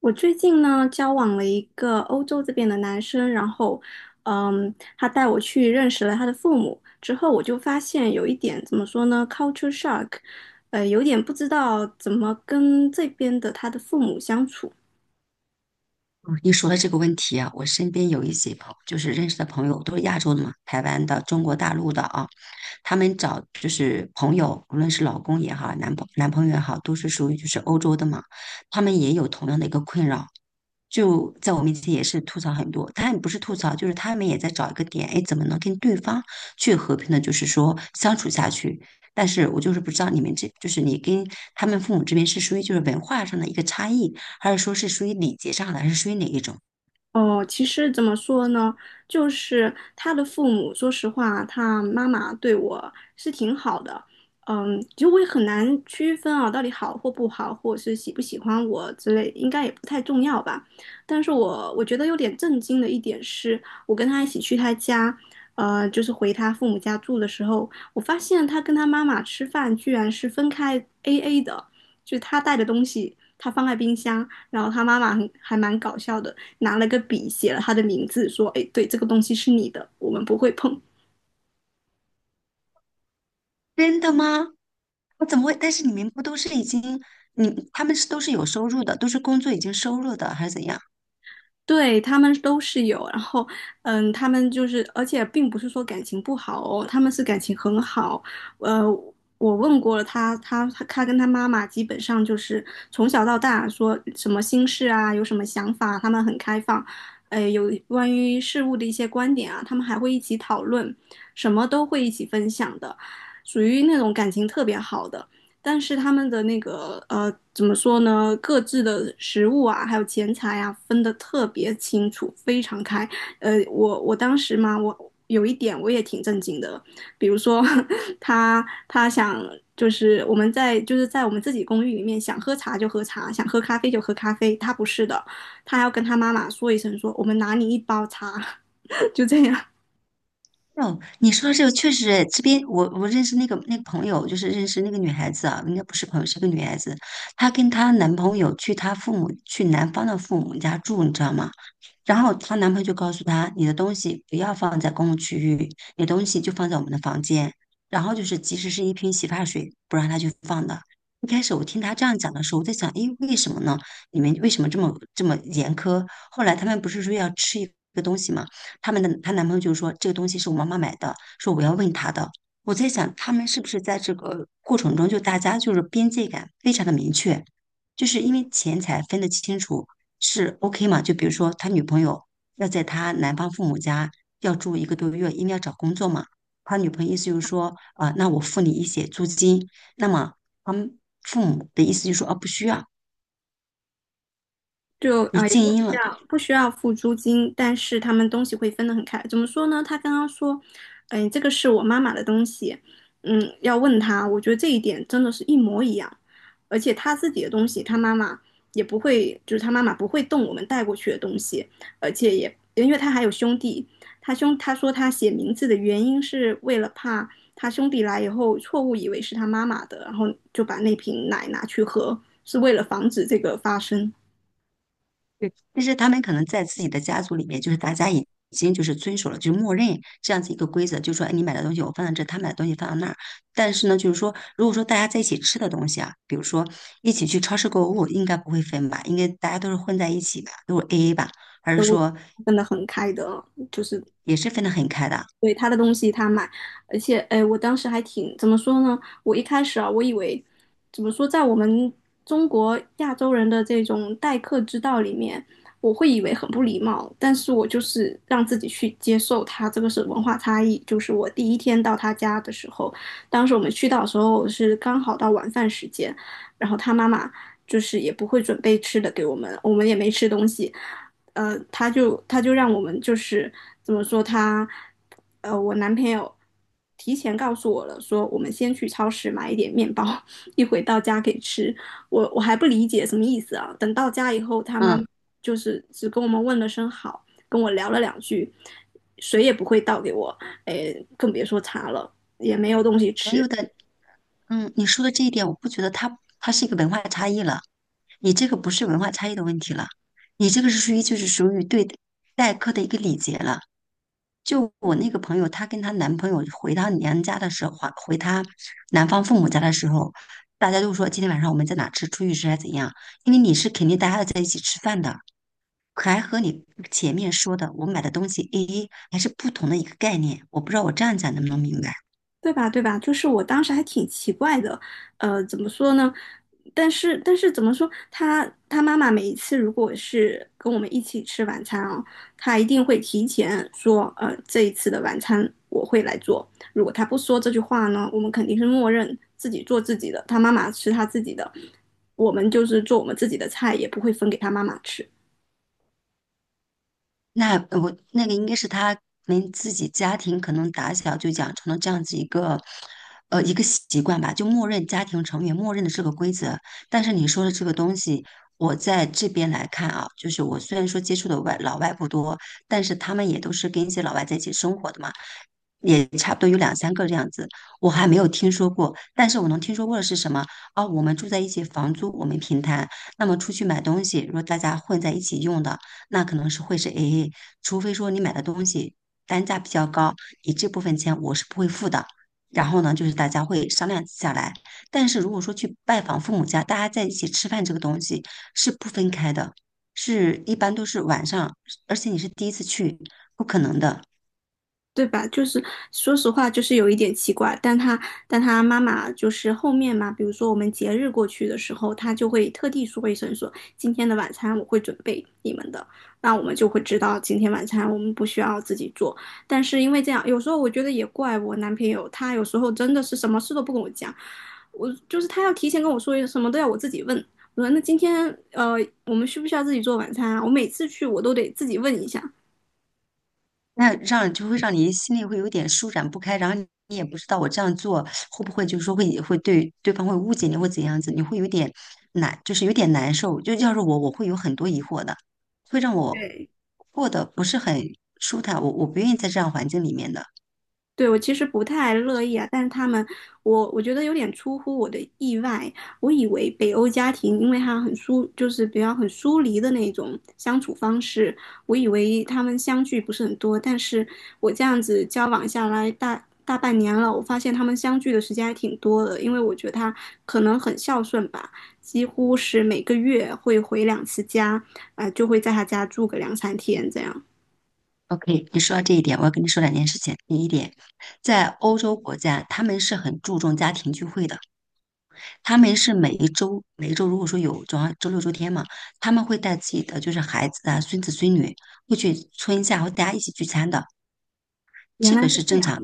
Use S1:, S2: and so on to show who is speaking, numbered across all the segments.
S1: 我最近呢，交往了一个欧洲这边的男生，然后，他带我去认识了他的父母，之后我就发现有一点怎么说呢，culture shock，有点不知道怎么跟这边的他的父母相处。
S2: 你说的这个问题啊，我身边有一些就是认识的朋友，都是亚洲的嘛，台湾的、中国大陆的啊，他们找就是朋友，无论是老公也好，男朋友也好，都是属于就是欧洲的嘛，他们也有同样的一个困扰，就在我面前也是吐槽很多，他们不是吐槽，就是他们也在找一个点，哎，怎么能跟对方去和平的，就是说相处下去。但是我就是不知道你们这，就是你跟他们父母这边是属于就是文化上的一个差异，还是说是属于礼节上的，还是属于哪一种？
S1: 哦，其实怎么说呢，就是他的父母，说实话，他妈妈对我是挺好的，就实我也很难区分啊，到底好或不好，或者是喜不喜欢我之类，应该也不太重要吧。但是我觉得有点震惊的一点是，我跟他一起去他家，就是回他父母家住的时候，我发现他跟他妈妈吃饭居然是分开 AA 的，就是他带的东西，他放在冰箱，然后他妈妈很还蛮搞笑的。拿了个笔写了他的名字，说：“哎，对，这个东西是你的，我们不会碰。”
S2: 真的吗？我怎么会？但是你们不都是已经，他们是都是有收入的，都是工作已经收入的，还是怎样？
S1: 对他们都是有，然后，他们就是，而且并不是说感情不好哦，他们是感情很好。呃，我问过了他，他跟他妈妈基本上就是从小到大说什么心事啊，有什么想法，他们很开放。有关于事物的一些观点啊，他们还会一起讨论，什么都会一起分享的，属于那种感情特别好的。但是他们的那个怎么说呢？各自的食物啊，还有钱财啊，分得特别清楚，非常开。我当时嘛，我有一点我也挺震惊的，比如说 他想就是我们在就是在我们自己公寓里面想喝茶就喝茶，想喝咖啡就喝咖啡，他不是的，他还要跟他妈妈说一声说我们拿你一包茶，就这样。
S2: 哦，你说这个确实诶，这边我认识那个朋友，就是认识那个女孩子啊，应该不是朋友，是个女孩子，她跟她男朋友去男方的父母家住，你知道吗？然后她男朋友就告诉她，你的东西不要放在公共区域，你的东西就放在我们的房间。然后就是，即使是一瓶洗发水，不让她去放的。一开始我听她这样讲的时候，我在想，诶，为什么呢？你们为什么这么严苛？后来他们不是说要吃一个东西吗？他们的她男朋友就说这个东西是我妈妈买的，说我要问她的。我在想，他们是不是在这个过程中，就大家就是边界感非常的明确，就是因为钱财分得清楚，是 OK 嘛？就比如说他女朋友要在他男方父母家要住一个多月，因为要找工作嘛。他女朋友意思就是说，啊、那我付你一些租金。那么他们父母的意思就是说，啊，不需要，
S1: 就
S2: 你
S1: 也
S2: 静
S1: 不需
S2: 音了。
S1: 要不需要付租金，但是他们东西会分得很开。怎么说呢？他刚刚说，这个是我妈妈的东西，嗯，要问他。我觉得这一点真的是一模一样，而且他自己的东西，他妈妈也不会，就是他妈妈不会动我们带过去的东西，而且也因为他还有兄弟，他说他写名字的原因是为了怕他兄弟来以后错误以为是他妈妈的，然后就把那瓶奶拿去喝，是为了防止这个发生。
S2: 但是他们可能在自己的家族里面，就是大家已经就是遵守了，就是默认这样子一个规则，就说哎你买的东西我放在这，他买的东西放到那儿。但是呢，就是说，如果说大家在一起吃的东西啊，比如说一起去超市购物，应该不会分吧？应该大家都是混在一起吧，都是 AA 吧？还是说
S1: 分得很开的，就是
S2: 也是分得很开的？
S1: 对他的东西他买，而且哎，我当时还挺怎么说呢？我一开始啊，我以为怎么说，在我们中国亚洲人的这种待客之道里面，我会以为很不礼貌，但是我就是让自己去接受他这个是文化差异。就是我第一天到他家的时候，当时我们去到的时候是刚好到晚饭时间，然后他妈妈就是也不会准备吃的给我们，我们也没吃东西。他就让我们就是怎么说他，我男朋友提前告诉我了，说我们先去超市买一点面包，一会到家可以吃。我我还不理解什么意思啊？等到家以后，他妈
S2: 嗯，
S1: 妈就是只跟我们问了声好，跟我聊了两句，水也不会倒给我，哎，更别说茶了，也没有东西
S2: 朋
S1: 吃。
S2: 友的你说的这一点，我不觉得它是一个文化差异了。你这个不是文化差异的问题了，你这个是属于对待客的一个礼节了。就我那个朋友，她跟她男朋友回她娘家的时候，还回她男方父母家的时候，大家都说今天晚上我们在哪吃，出去吃还是怎样？因为你是肯定大家要在一起吃饭的，可还和你前面说的我买的东西 A A 还是不同的一个概念。我不知道我这样讲能不能明白。
S1: 对吧？对吧？就是我当时还挺奇怪的，怎么说呢？但是怎么说？他妈妈每一次如果是跟我们一起吃晚餐啊，他一定会提前说，这一次的晚餐我会来做。如果他不说这句话呢，我们肯定是默认自己做自己的，他妈妈吃他自己的，我们就是做我们自己的菜，也不会分给他妈妈吃。
S2: 那我那个应该是他们自己家庭可能打小就养成了这样子一个，一个习惯吧，就默认家庭成员默认的这个规则。但是你说的这个东西，我在这边来看啊，就是我虽然说接触的外老外不多，但是他们也都是跟一些老外在一起生活的嘛。也差不多有两三个这样子，我还没有听说过。但是我能听说过的是什么？哦，我们住在一起，房租我们平摊。那么出去买东西，如果大家混在一起用的，那可能是会是 AA，除非说你买的东西单价比较高，你这部分钱我是不会付的。然后呢，就是大家会商量下来。但是如果说去拜访父母家，大家在一起吃饭这个东西是不分开的，是一般都是晚上，而且你是第一次去，不可能的。
S1: 对吧？就是说实话，就是有一点奇怪，但他妈妈就是后面嘛，比如说我们节日过去的时候，他就会特地说一声说今天的晚餐我会准备你们的，那我们就会知道今天晚餐我们不需要自己做。但是因为这样，有时候我觉得也怪我男朋友，他有时候真的是什么事都不跟我讲，我就是他要提前跟我说什么都要我自己问。我说那今天呃我们需不需要自己做晚餐啊？我每次去我都得自己问一下。
S2: 那让就会让你心里会有点舒展不开，然后你也不知道我这样做会不会就是说会对对方会误解你或怎样子，你会有点难，就是有点难受。就要是我，我会有很多疑惑的，会让我
S1: 对，
S2: 过得不是很舒坦。我不愿意在这样环境里面的。
S1: 对，我其实不太乐意啊，但是他们，我觉得有点出乎我的意外。我以为北欧家庭，因为他很疏，就是比较很疏离的那种相处方式，我以为他们相聚不是很多，但是我这样子交往下来大半年了，我发现他们相聚的时间还挺多的，因为我觉得他可能很孝顺吧，几乎是每个月会回两次家，就会在他家住个两三天这样。
S2: OK，你说到这一点，我要跟你说两件事情。第一点，在欧洲国家，他们是很注重家庭聚会的。他们是每一周，每一周如果说有周二、周六、周天嘛，他们会带自己的就是孩子啊、孙子孙女，会去村下，会大家一起聚餐的，
S1: 原
S2: 这
S1: 来
S2: 个
S1: 是
S2: 是
S1: 这
S2: 正
S1: 样。
S2: 常。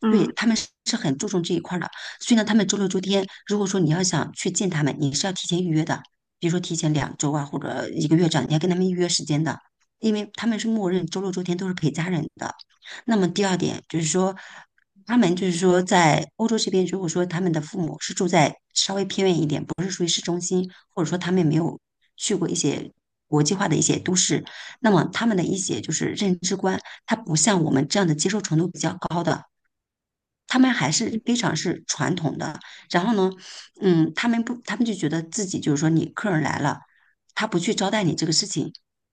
S1: 嗯。
S2: 对，他们是很注重这一块儿的，所以呢，他们周六、周天，如果说你要想去见他们，你是要提前预约的，比如说提前两周啊，或者一个月这样，你要跟他们预约时间的，因为他们是默认周六、周天都是陪家人的。那么第二点就是说，他们就是说在欧洲这边，如果说他们的父母是住在稍微偏远一点。或者说他们也没有去过一些国际化的一些都市，那么他们的一些就是认知观，他不像我们这样的接受程度比较高的，他们还是非常是传统的。然后呢，他们不，他们就觉得自己就是说你客人来了，他不去招待你这个事情，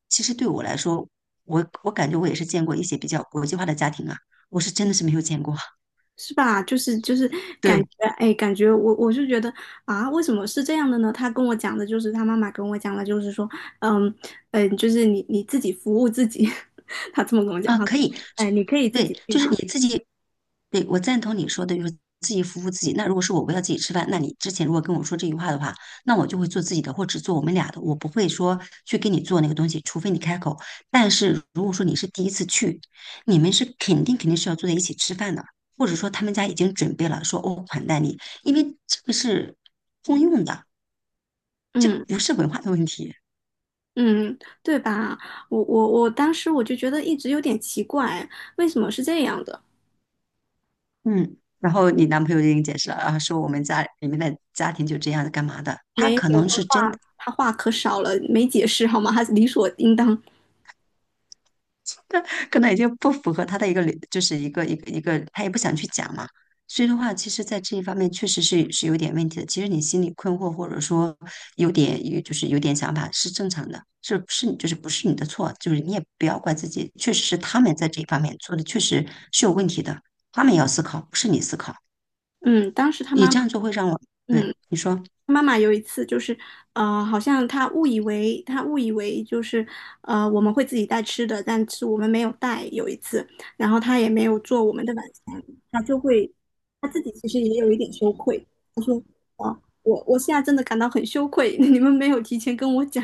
S2: 其实对我来说，我感觉我也是见过一些比较国际化的家庭啊，我是真的是没有见过。
S1: 是吧？就是感觉，
S2: 对，
S1: 哎，感觉我就觉得啊，为什么是这样的呢？他跟我讲的就是他妈妈跟我讲的，就是说，嗯，就是你自己服务自己，他这么跟我讲，
S2: 啊，
S1: 他说，
S2: 可以，
S1: 哎，你可以自己
S2: 对，
S1: 去
S2: 就是你
S1: 拿，
S2: 自己，对，我赞同你说的，就是自己服务自己。那如果是我我要自己吃饭，那你之前如果跟我说这句话的话，那我就会做自己的，或只做我们俩的，我不会说去给你做那个东西，除非你开口。但是如果说你是第一次去，你们是肯定肯定是要坐在一起吃饭的，或者说他们家已经准备了，说哦款待你，因为这个是通用的，这个
S1: 嗯，
S2: 不是文化的问题。
S1: 嗯，对吧？我当时我就觉得一直有点奇怪，为什么是这样的？
S2: 嗯，然后你男朋友就给你解释了，啊，说我们家里面的家庭就这样子干嘛的，他
S1: 没
S2: 可
S1: 有，
S2: 能是真的，
S1: 他话可少了，没解释好吗？他理所应当，
S2: 可能已经不符合他的一个理，就是一个一个一个，他也不想去讲嘛。所以的话，其实，在这一方面确实是有点问题的。其实你心里困惑，或者说有点有就是有点想法是正常的，就是不是你的错，就是你也不要怪自己，确实是他们在这一方面做的确实是有问题的，他们也要思考，不是你思考，
S1: 嗯，当时他
S2: 你
S1: 妈
S2: 这
S1: 妈。
S2: 样做会让我，对，
S1: 嗯。
S2: 你说。
S1: 妈妈有一次就是，好像她误以为就是，我们会自己带吃的，但是我们没有带。有一次，然后她也没有做我们的晚餐，她就会，她自己其实也有一点羞愧。她说，啊，我现在真的感到很羞愧，你们没有提前跟我讲。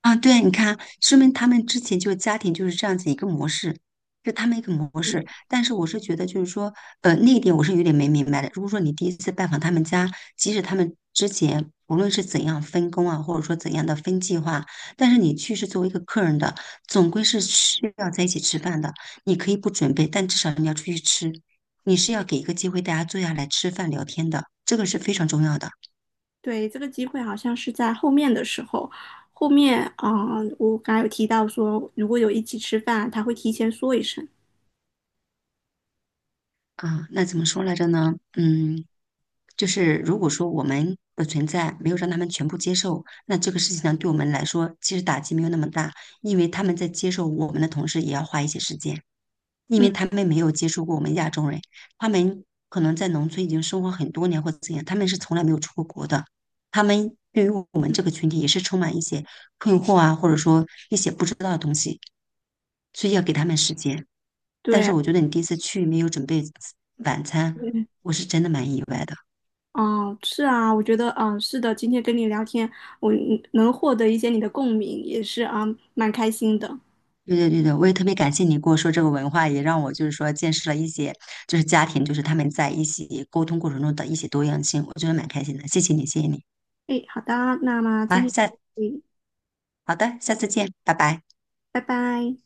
S2: 啊，对，你看，说明他们之前就家庭就是这样子一个模式，就他们一个模式。
S1: 嗯，
S2: 但是我是觉得，就是说，那一点我是有点没明白的。如果说你第一次拜访他们家，即使他们之前无论是怎样分工啊，或者说怎样的分计划，但是你去是作为一个客人的，总归是需要在一起吃饭的。你可以不准备，但至少你要出去吃，你是要给一个机会大家坐下来吃饭聊天的，这个是非常重要的
S1: 对，这个机会好像是在后面的时候，后面，啊，我刚才有提到说，如果有一起吃饭，她会提前说一声。
S2: 啊。那怎么说来着呢？嗯。就是如果说我们的存在没有让他们全部接受，那这个事情呢，对我们来说其实打击没有那么大，因为他们在接受我们的同时，也要花一些时间，因
S1: 嗯，
S2: 为他们没有接触过我们亚洲人，他们可能在农村已经生活很多年或怎样，他们是从来没有出过国的，他们对于我们这个群体也是充满一些困惑啊，或者说一些不知道的东西，所以要给他们时间。但是
S1: 对。
S2: 我觉得你第一次去没有准备晚餐，我是真的蛮意外的。
S1: 哦，是啊，我觉得，嗯，是的，今天跟你聊天，我能获得一些你的共鸣，也是啊，蛮开心的。
S2: 对对对对，我也特别感谢你跟我说这个文化，也让我就是说见识了一些，就是家庭，就是他们在一起沟通过程中的一些多样性，我觉得蛮开心的。谢谢你，谢谢你。
S1: 诶，好的，那么今
S2: 好，
S1: 天就
S2: 下，
S1: 到这里，
S2: 好的，下次见，拜拜。
S1: 拜拜。